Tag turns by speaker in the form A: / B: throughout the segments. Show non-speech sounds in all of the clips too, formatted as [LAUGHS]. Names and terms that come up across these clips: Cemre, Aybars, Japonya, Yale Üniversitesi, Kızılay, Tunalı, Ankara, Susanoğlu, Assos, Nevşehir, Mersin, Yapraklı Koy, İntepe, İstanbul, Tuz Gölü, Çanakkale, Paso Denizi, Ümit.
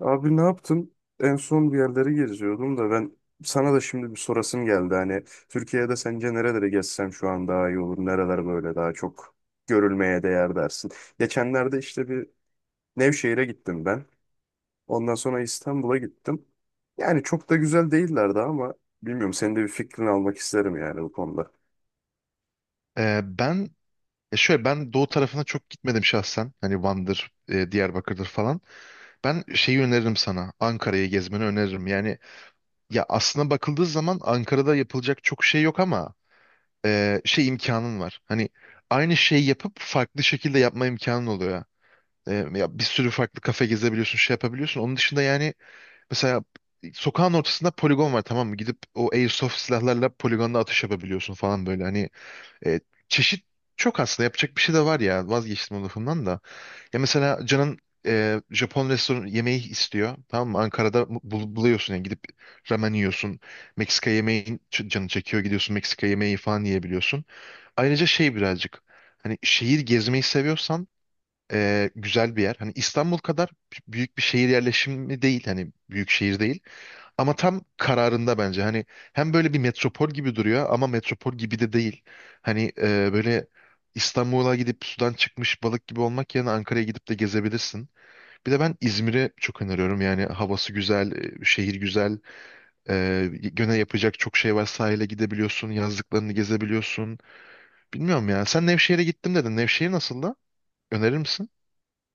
A: Abi ne yaptın? En son bir yerleri geziyordum da ben sana da şimdi bir sorasım geldi. Hani Türkiye'de sence nerelere gezsem şu an daha iyi olur? Nereler böyle daha çok görülmeye değer dersin? Geçenlerde işte bir Nevşehir'e gittim ben. Ondan sonra İstanbul'a gittim. Yani çok da güzel değillerdi ama bilmiyorum senin de bir fikrini almak isterim yani bu konuda.
B: Ee, ben şöyle, ben doğu tarafına çok gitmedim şahsen. Hani Van'dır, Diyarbakır'dır falan. Ben şeyi öneririm sana. Ankara'yı gezmeni öneririm. Yani ya aslına bakıldığı zaman Ankara'da yapılacak çok şey yok ama şey, imkanın var. Hani aynı şeyi yapıp farklı şekilde yapma imkanın oluyor. Ya bir sürü farklı kafe gezebiliyorsun, şey yapabiliyorsun. Onun dışında yani mesela sokağın ortasında poligon var, tamam mı? Gidip o airsoft silahlarla poligonda atış yapabiliyorsun falan böyle. Hani e, çeşit çok, aslında yapacak bir şey de var ya, vazgeçtim o lafımdan da. Ya mesela Can'ın Japon restoran yemeği istiyor, tamam mı? Ankara'da buluyorsun yani, gidip ramen yiyorsun. Meksika yemeği canı çekiyor, gidiyorsun Meksika yemeği falan yiyebiliyorsun. Ayrıca şey, birazcık hani şehir gezmeyi seviyorsan güzel bir yer. Hani İstanbul kadar büyük bir şehir yerleşimi değil, hani büyük şehir değil. Ama tam kararında bence. Hani hem böyle bir metropol gibi duruyor ama metropol gibi de değil. Hani böyle İstanbul'a gidip sudan çıkmış balık gibi olmak yerine Ankara'ya gidip de gezebilirsin. Bir de ben İzmir'e çok öneriyorum. Yani havası güzel, şehir güzel. Gene yapacak çok şey var. Sahile gidebiliyorsun, yazlıklarını gezebiliyorsun. Bilmiyorum ya. Sen Nevşehir'e gittim dedin. Nevşehir nasıl da? Önerir misin?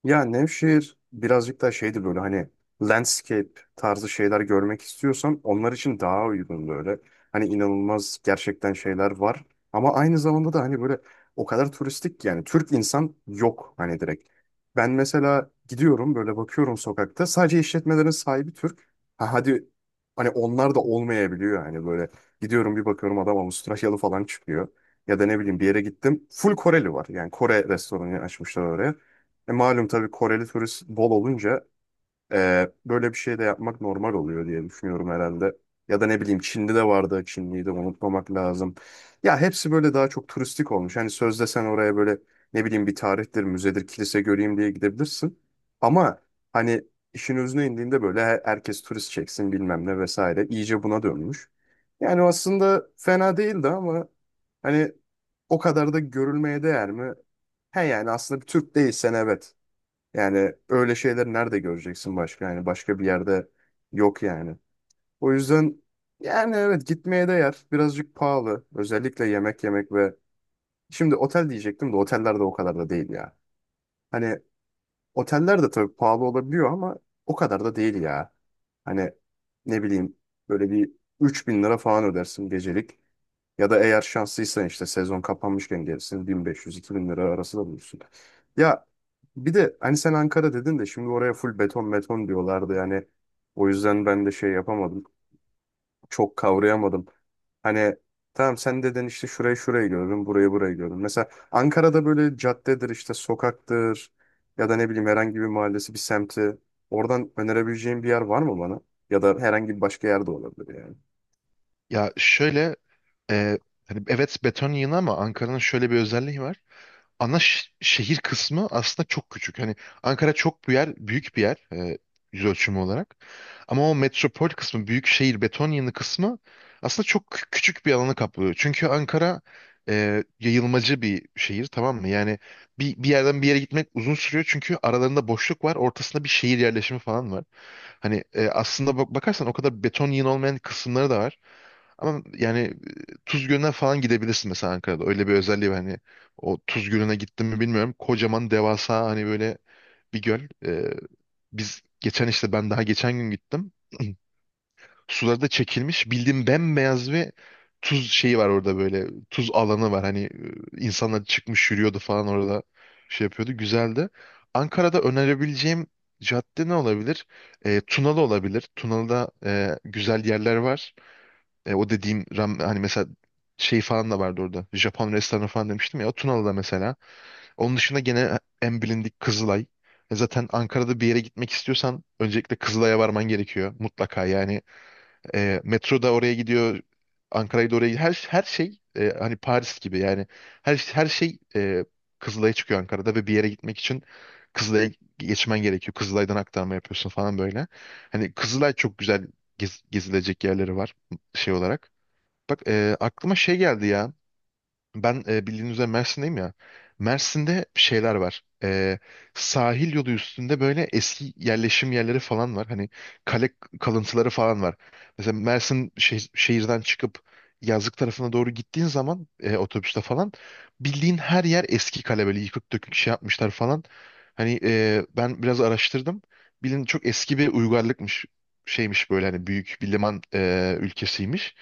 A: Ya Nevşehir birazcık daha şeydi böyle hani landscape tarzı şeyler görmek istiyorsan onlar için daha uygun böyle. Hani inanılmaz gerçekten şeyler var. Ama aynı zamanda da hani böyle o kadar turistik ki yani Türk insan yok hani direkt. Ben mesela gidiyorum böyle bakıyorum sokakta sadece işletmelerin sahibi Türk. Ha hadi hani onlar da olmayabiliyor hani böyle gidiyorum bir bakıyorum adam Avustralyalı falan çıkıyor. Ya da ne bileyim bir yere gittim full Koreli var yani Kore restoranı açmışlar oraya. Malum tabii Koreli turist bol olunca böyle bir şey de yapmak normal oluyor diye düşünüyorum herhalde. Ya da ne bileyim Çin'de de vardı. Çinliyi de unutmamak lazım. Ya hepsi böyle daha çok turistik olmuş. Hani sözde sen oraya böyle ne bileyim bir tarihtir, müzedir, kilise göreyim diye gidebilirsin. Ama hani işin özüne indiğinde böyle herkes turist çeksin bilmem ne vesaire. İyice buna dönmüş. Yani aslında fena değildi ama hani o kadar da görülmeye değer mi? He yani aslında bir Türk değilsen evet. Yani öyle şeyler nerede göreceksin başka? Yani başka bir yerde yok yani. O yüzden yani evet gitmeye değer. Birazcık pahalı. Özellikle yemek yemek ve şimdi otel diyecektim de oteller de o kadar da değil ya. Hani oteller de tabii pahalı olabiliyor ama o kadar da değil ya. Hani ne bileyim böyle bir 3.000 lira falan ödersin gecelik. Ya da eğer şanslıysan işte sezon kapanmışken gelirsin 1500-2000 lira arası da bulursun. Ya bir de hani sen Ankara dedin de şimdi oraya full beton beton diyorlardı yani. O yüzden ben de şey yapamadım. Çok kavrayamadım. Hani tamam sen dedin işte şurayı şurayı gördüm, burayı burayı gördüm. Mesela Ankara'da böyle caddedir işte sokaktır ya da ne bileyim herhangi bir mahallesi bir semti. Oradan önerebileceğin bir yer var mı bana? Ya da herhangi bir başka yerde olabilir yani.
B: Ya şöyle, e, hani evet, beton yığını ama Ankara'nın şöyle bir özelliği var. Ana şehir kısmı aslında çok küçük. Hani Ankara çok bir yer, büyük bir yer yüz ölçümü olarak. Ama o metropol kısmı, büyük şehir, beton yığını kısmı aslında çok küçük bir alanı kaplıyor. Çünkü Ankara yayılmacı bir şehir, tamam mı? Yani bir yerden bir yere gitmek uzun sürüyor, çünkü aralarında boşluk var, ortasında bir şehir yerleşimi falan var. Hani aslında bak bakarsan o kadar beton yığın olmayan kısımları da var. Ama yani Tuz Gölü'ne falan gidebilirsin mesela Ankara'da. Öyle bir özelliği var. Hani o Tuz Gölü'ne gittim mi bilmiyorum. Kocaman, devasa, hani böyle bir göl. Ee, Biz geçen işte, ben daha geçen gün gittim. [CLEARS THROAT] Suları da çekilmiş. Bildiğim bembeyaz bir tuz şeyi var orada böyle. Tuz alanı var. Hani insanlar çıkmış yürüyordu falan orada, şey yapıyordu. Güzeldi. Ankara'da önerebileceğim cadde ne olabilir? Tunalı olabilir. Tunalı'da güzel yerler var. O dediğim ram, hani mesela şey falan da vardı orada. Japon restoranı falan demiştim ya. O Tunalı'da mesela. Onun dışında gene en bilindik Kızılay. Zaten Ankara'da bir yere gitmek istiyorsan öncelikle Kızılay'a varman gerekiyor mutlaka. Yani metro da oraya gidiyor. Ankara'yı da oraya gidiyor. Her şey hani Paris gibi yani. Her şey Kızılay'a çıkıyor Ankara'da ve bir yere gitmek için Kızılay'a geçmen gerekiyor. Kızılay'dan aktarma yapıyorsun falan böyle. Hani Kızılay çok güzel, gezilecek yerleri var şey olarak. Bak aklıma şey geldi ya. Ben bildiğiniz üzere Mersin'deyim ya. Mersin'de şeyler var. Sahil yolu üstünde böyle eski yerleşim yerleri falan var. Hani kale kalıntıları falan var. Mesela Mersin şehirden çıkıp yazlık tarafına doğru gittiğin zaman otobüste falan bildiğin her yer eski kale, böyle yıkık dökük şey yapmışlar falan. Hani ben biraz araştırdım. Bilin çok eski bir uygarlıkmış, şeymiş böyle, hani büyük bir liman ülkesiymiş.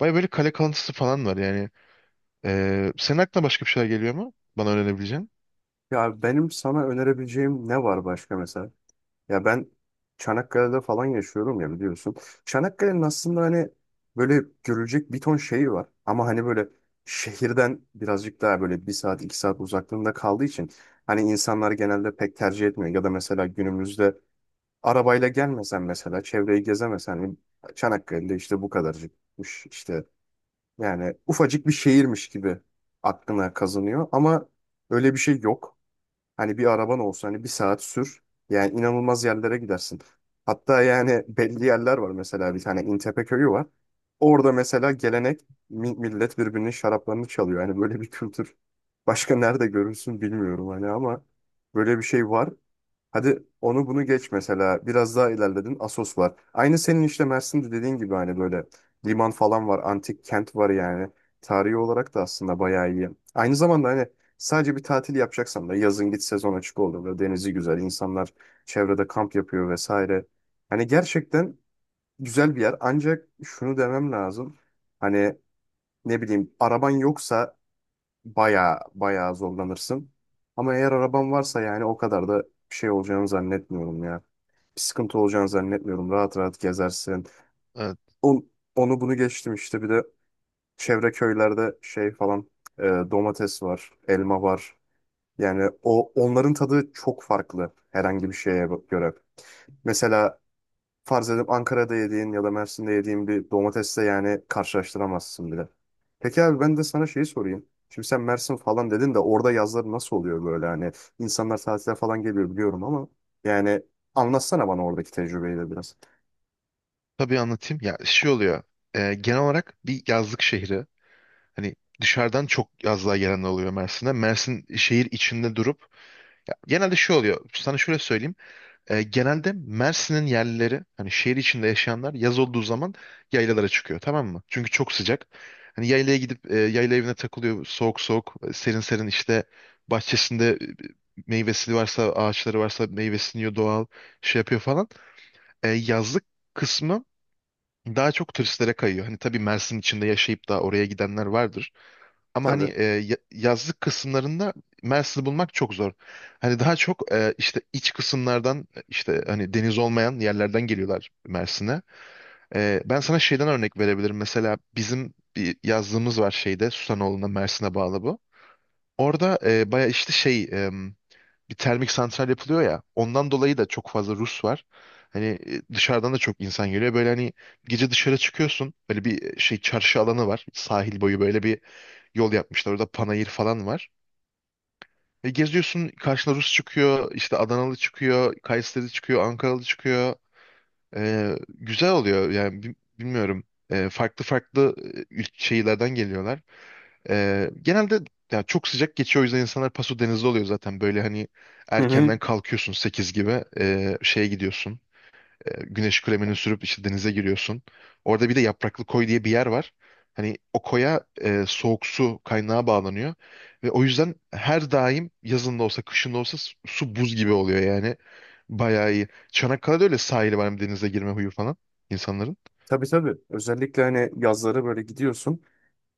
B: Baya böyle kale kalıntısı falan var yani. Senin aklına başka bir şeyler geliyor mu? Bana öğrenebileceğin.
A: Ya benim sana önerebileceğim ne var başka mesela? Ya ben Çanakkale'de falan yaşıyorum ya biliyorsun. Çanakkale'nin aslında hani böyle görülecek bir ton şeyi var. Ama hani böyle şehirden birazcık daha böyle 1 saat 2 saat uzaklığında kaldığı için hani insanlar genelde pek tercih etmiyor. Ya da mesela günümüzde arabayla gelmesen mesela çevreyi gezemesen hani Çanakkale'de işte bu kadarcıkmış işte. Yani ufacık bir şehirmiş gibi aklına kazanıyor ama öyle bir şey yok. Hani bir araban olsa hani 1 saat sür. Yani inanılmaz yerlere gidersin. Hatta yani [LAUGHS] belli yerler var mesela bir tane İntepe köyü var. Orada mesela gelenek millet birbirinin şaraplarını çalıyor. Yani böyle bir kültür başka nerede görürsün bilmiyorum hani ama böyle bir şey var. Hadi onu bunu geç mesela. Biraz daha ilerledin. Assos var. Aynı senin işte Mersin'de dediğin gibi hani böyle liman falan var. Antik kent var yani. Tarihi olarak da aslında bayağı iyi. Aynı zamanda hani sadece bir tatil yapacaksan da yazın git sezon açık oldu. Böyle denizi güzel. İnsanlar çevrede kamp yapıyor vesaire. Hani gerçekten güzel bir yer. Ancak şunu demem lazım. Hani ne bileyim araban yoksa bayağı bayağı zorlanırsın. Ama eğer araban varsa yani o kadar da bir şey olacağını zannetmiyorum ya, bir sıkıntı olacağını zannetmiyorum. Rahat rahat gezersin.
B: Ee,
A: On- Onu bunu geçtim işte bir de çevre köylerde şey falan, domates var, elma var. Yani o onların tadı çok farklı herhangi bir şeye göre. Mesela farz edip Ankara'da yediğin ya da Mersin'de yediğin bir domatesle yani karşılaştıramazsın bile. Peki abi ben de sana şeyi sorayım. Şimdi sen Mersin falan dedin de orada yazlar nasıl oluyor böyle hani insanlar tatile falan geliyor biliyorum ama yani anlatsana bana oradaki tecrübeyi de biraz.
B: tabii anlatayım. Ya şey oluyor. Genel olarak bir yazlık şehri. Hani dışarıdan çok yazlığa gelenler oluyor Mersin'de. Mersin şehir içinde durup. Ya, genelde şey oluyor. Sana şöyle söyleyeyim. Genelde Mersin'in yerlileri, hani şehir içinde yaşayanlar, yaz olduğu zaman yaylalara çıkıyor, tamam mı? Çünkü çok sıcak. Hani yaylaya gidip yayla evine takılıyor, soğuk soğuk serin serin, işte bahçesinde meyvesi varsa, ağaçları varsa, meyvesini yiyor, doğal şey yapıyor falan. Yazlık kısmı daha çok turistlere kayıyor. Hani tabii Mersin içinde yaşayıp da oraya gidenler vardır. Ama hani
A: Tabii.
B: yazlık kısımlarında Mersin'i bulmak çok zor. Hani daha çok işte iç kısımlardan, işte hani deniz olmayan yerlerden geliyorlar Mersin'e. Ben sana şeyden örnek verebilirim. Mesela bizim bir yazlığımız var şeyde, Susanoğlu'na, Mersin'e bağlı bu. Orada baya işte şey, bir termik santral yapılıyor ya. Ondan dolayı da çok fazla Rus var. Hani dışarıdan da çok insan geliyor. Böyle hani gece dışarı çıkıyorsun. Böyle bir şey çarşı alanı var. Sahil boyu böyle bir yol yapmışlar. Orada panayır falan var. Ve geziyorsun, karşına Rus çıkıyor, işte Adanalı çıkıyor, Kayseri çıkıyor, Ankaralı çıkıyor. Güzel oluyor yani, bilmiyorum. Farklı farklı şeylerden geliyorlar. Genelde ya çok sıcak geçiyor, o yüzden insanlar Paso Denizi'de oluyor zaten. Böyle hani
A: Hı hı.
B: erkenden kalkıyorsun 8 gibi, şeye gidiyorsun. Güneş kremini sürüp işte denize giriyorsun. Orada bir de Yapraklı Koy diye bir yer var. Hani o koya soğuk su kaynağı bağlanıyor. Ve o yüzden her daim, yazın da olsa, kışın da olsa, su buz gibi oluyor yani. Bayağı iyi. Çanakkale'de öyle sahili var, hem denize girme huyu falan insanların.
A: Tabii tabii. Özellikle hani yazları böyle gidiyorsun.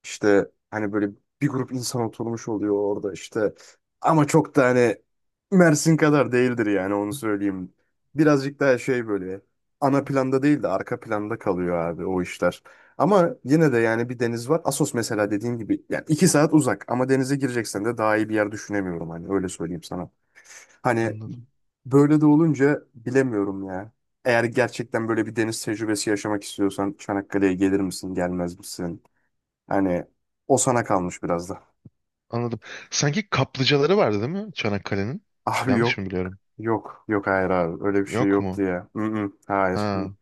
A: İşte hani böyle bir grup insan oturmuş oluyor orada işte. Ama çok da hani Mersin kadar değildir yani onu söyleyeyim. Birazcık daha şey böyle ana planda değil de arka planda kalıyor abi o işler. Ama yine de yani bir deniz var. Assos mesela dediğim gibi yani 2 saat uzak ama denize gireceksen de daha iyi bir yer düşünemiyorum hani öyle söyleyeyim sana. Hani
B: Anladım.
A: böyle de olunca bilemiyorum ya. Eğer gerçekten böyle bir deniz tecrübesi yaşamak istiyorsan Çanakkale'ye gelir misin, gelmez misin? Hani o sana kalmış biraz da.
B: Anladım. Sanki kaplıcaları vardı değil mi Çanakkale'nin?
A: [LAUGHS] Abi
B: Yanlış
A: yok,
B: mı biliyorum?
A: yok, yok hayır abi. Öyle bir şey
B: Yok
A: yoktu
B: mu?
A: ya. Mm-mm, hayır.
B: Ha,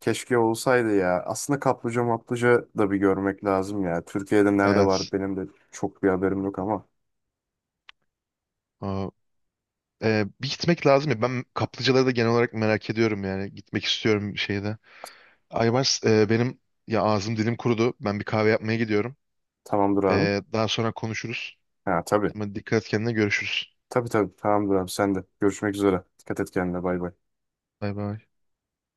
A: Keşke olsaydı ya. Aslında kaplıca maplıca da bir görmek lazım ya. Türkiye'de nerede
B: evet.
A: var benim de çok bir haberim yok ama.
B: O, bir gitmek lazım ya. Ben kaplıcaları da genel olarak merak ediyorum yani. Gitmek istiyorum bir şeyde. Aybars, benim ya, ağzım dilim kurudu. Ben bir kahve yapmaya gidiyorum.
A: Tamamdır abi.
B: Daha sonra konuşuruz.
A: Ha tabii.
B: Tamam, dikkat et kendine, görüşürüz.
A: Tabii tabii. Tamamdır abi sen de. Görüşmek üzere. Dikkat et kendine. Bay bay.
B: Bay bay.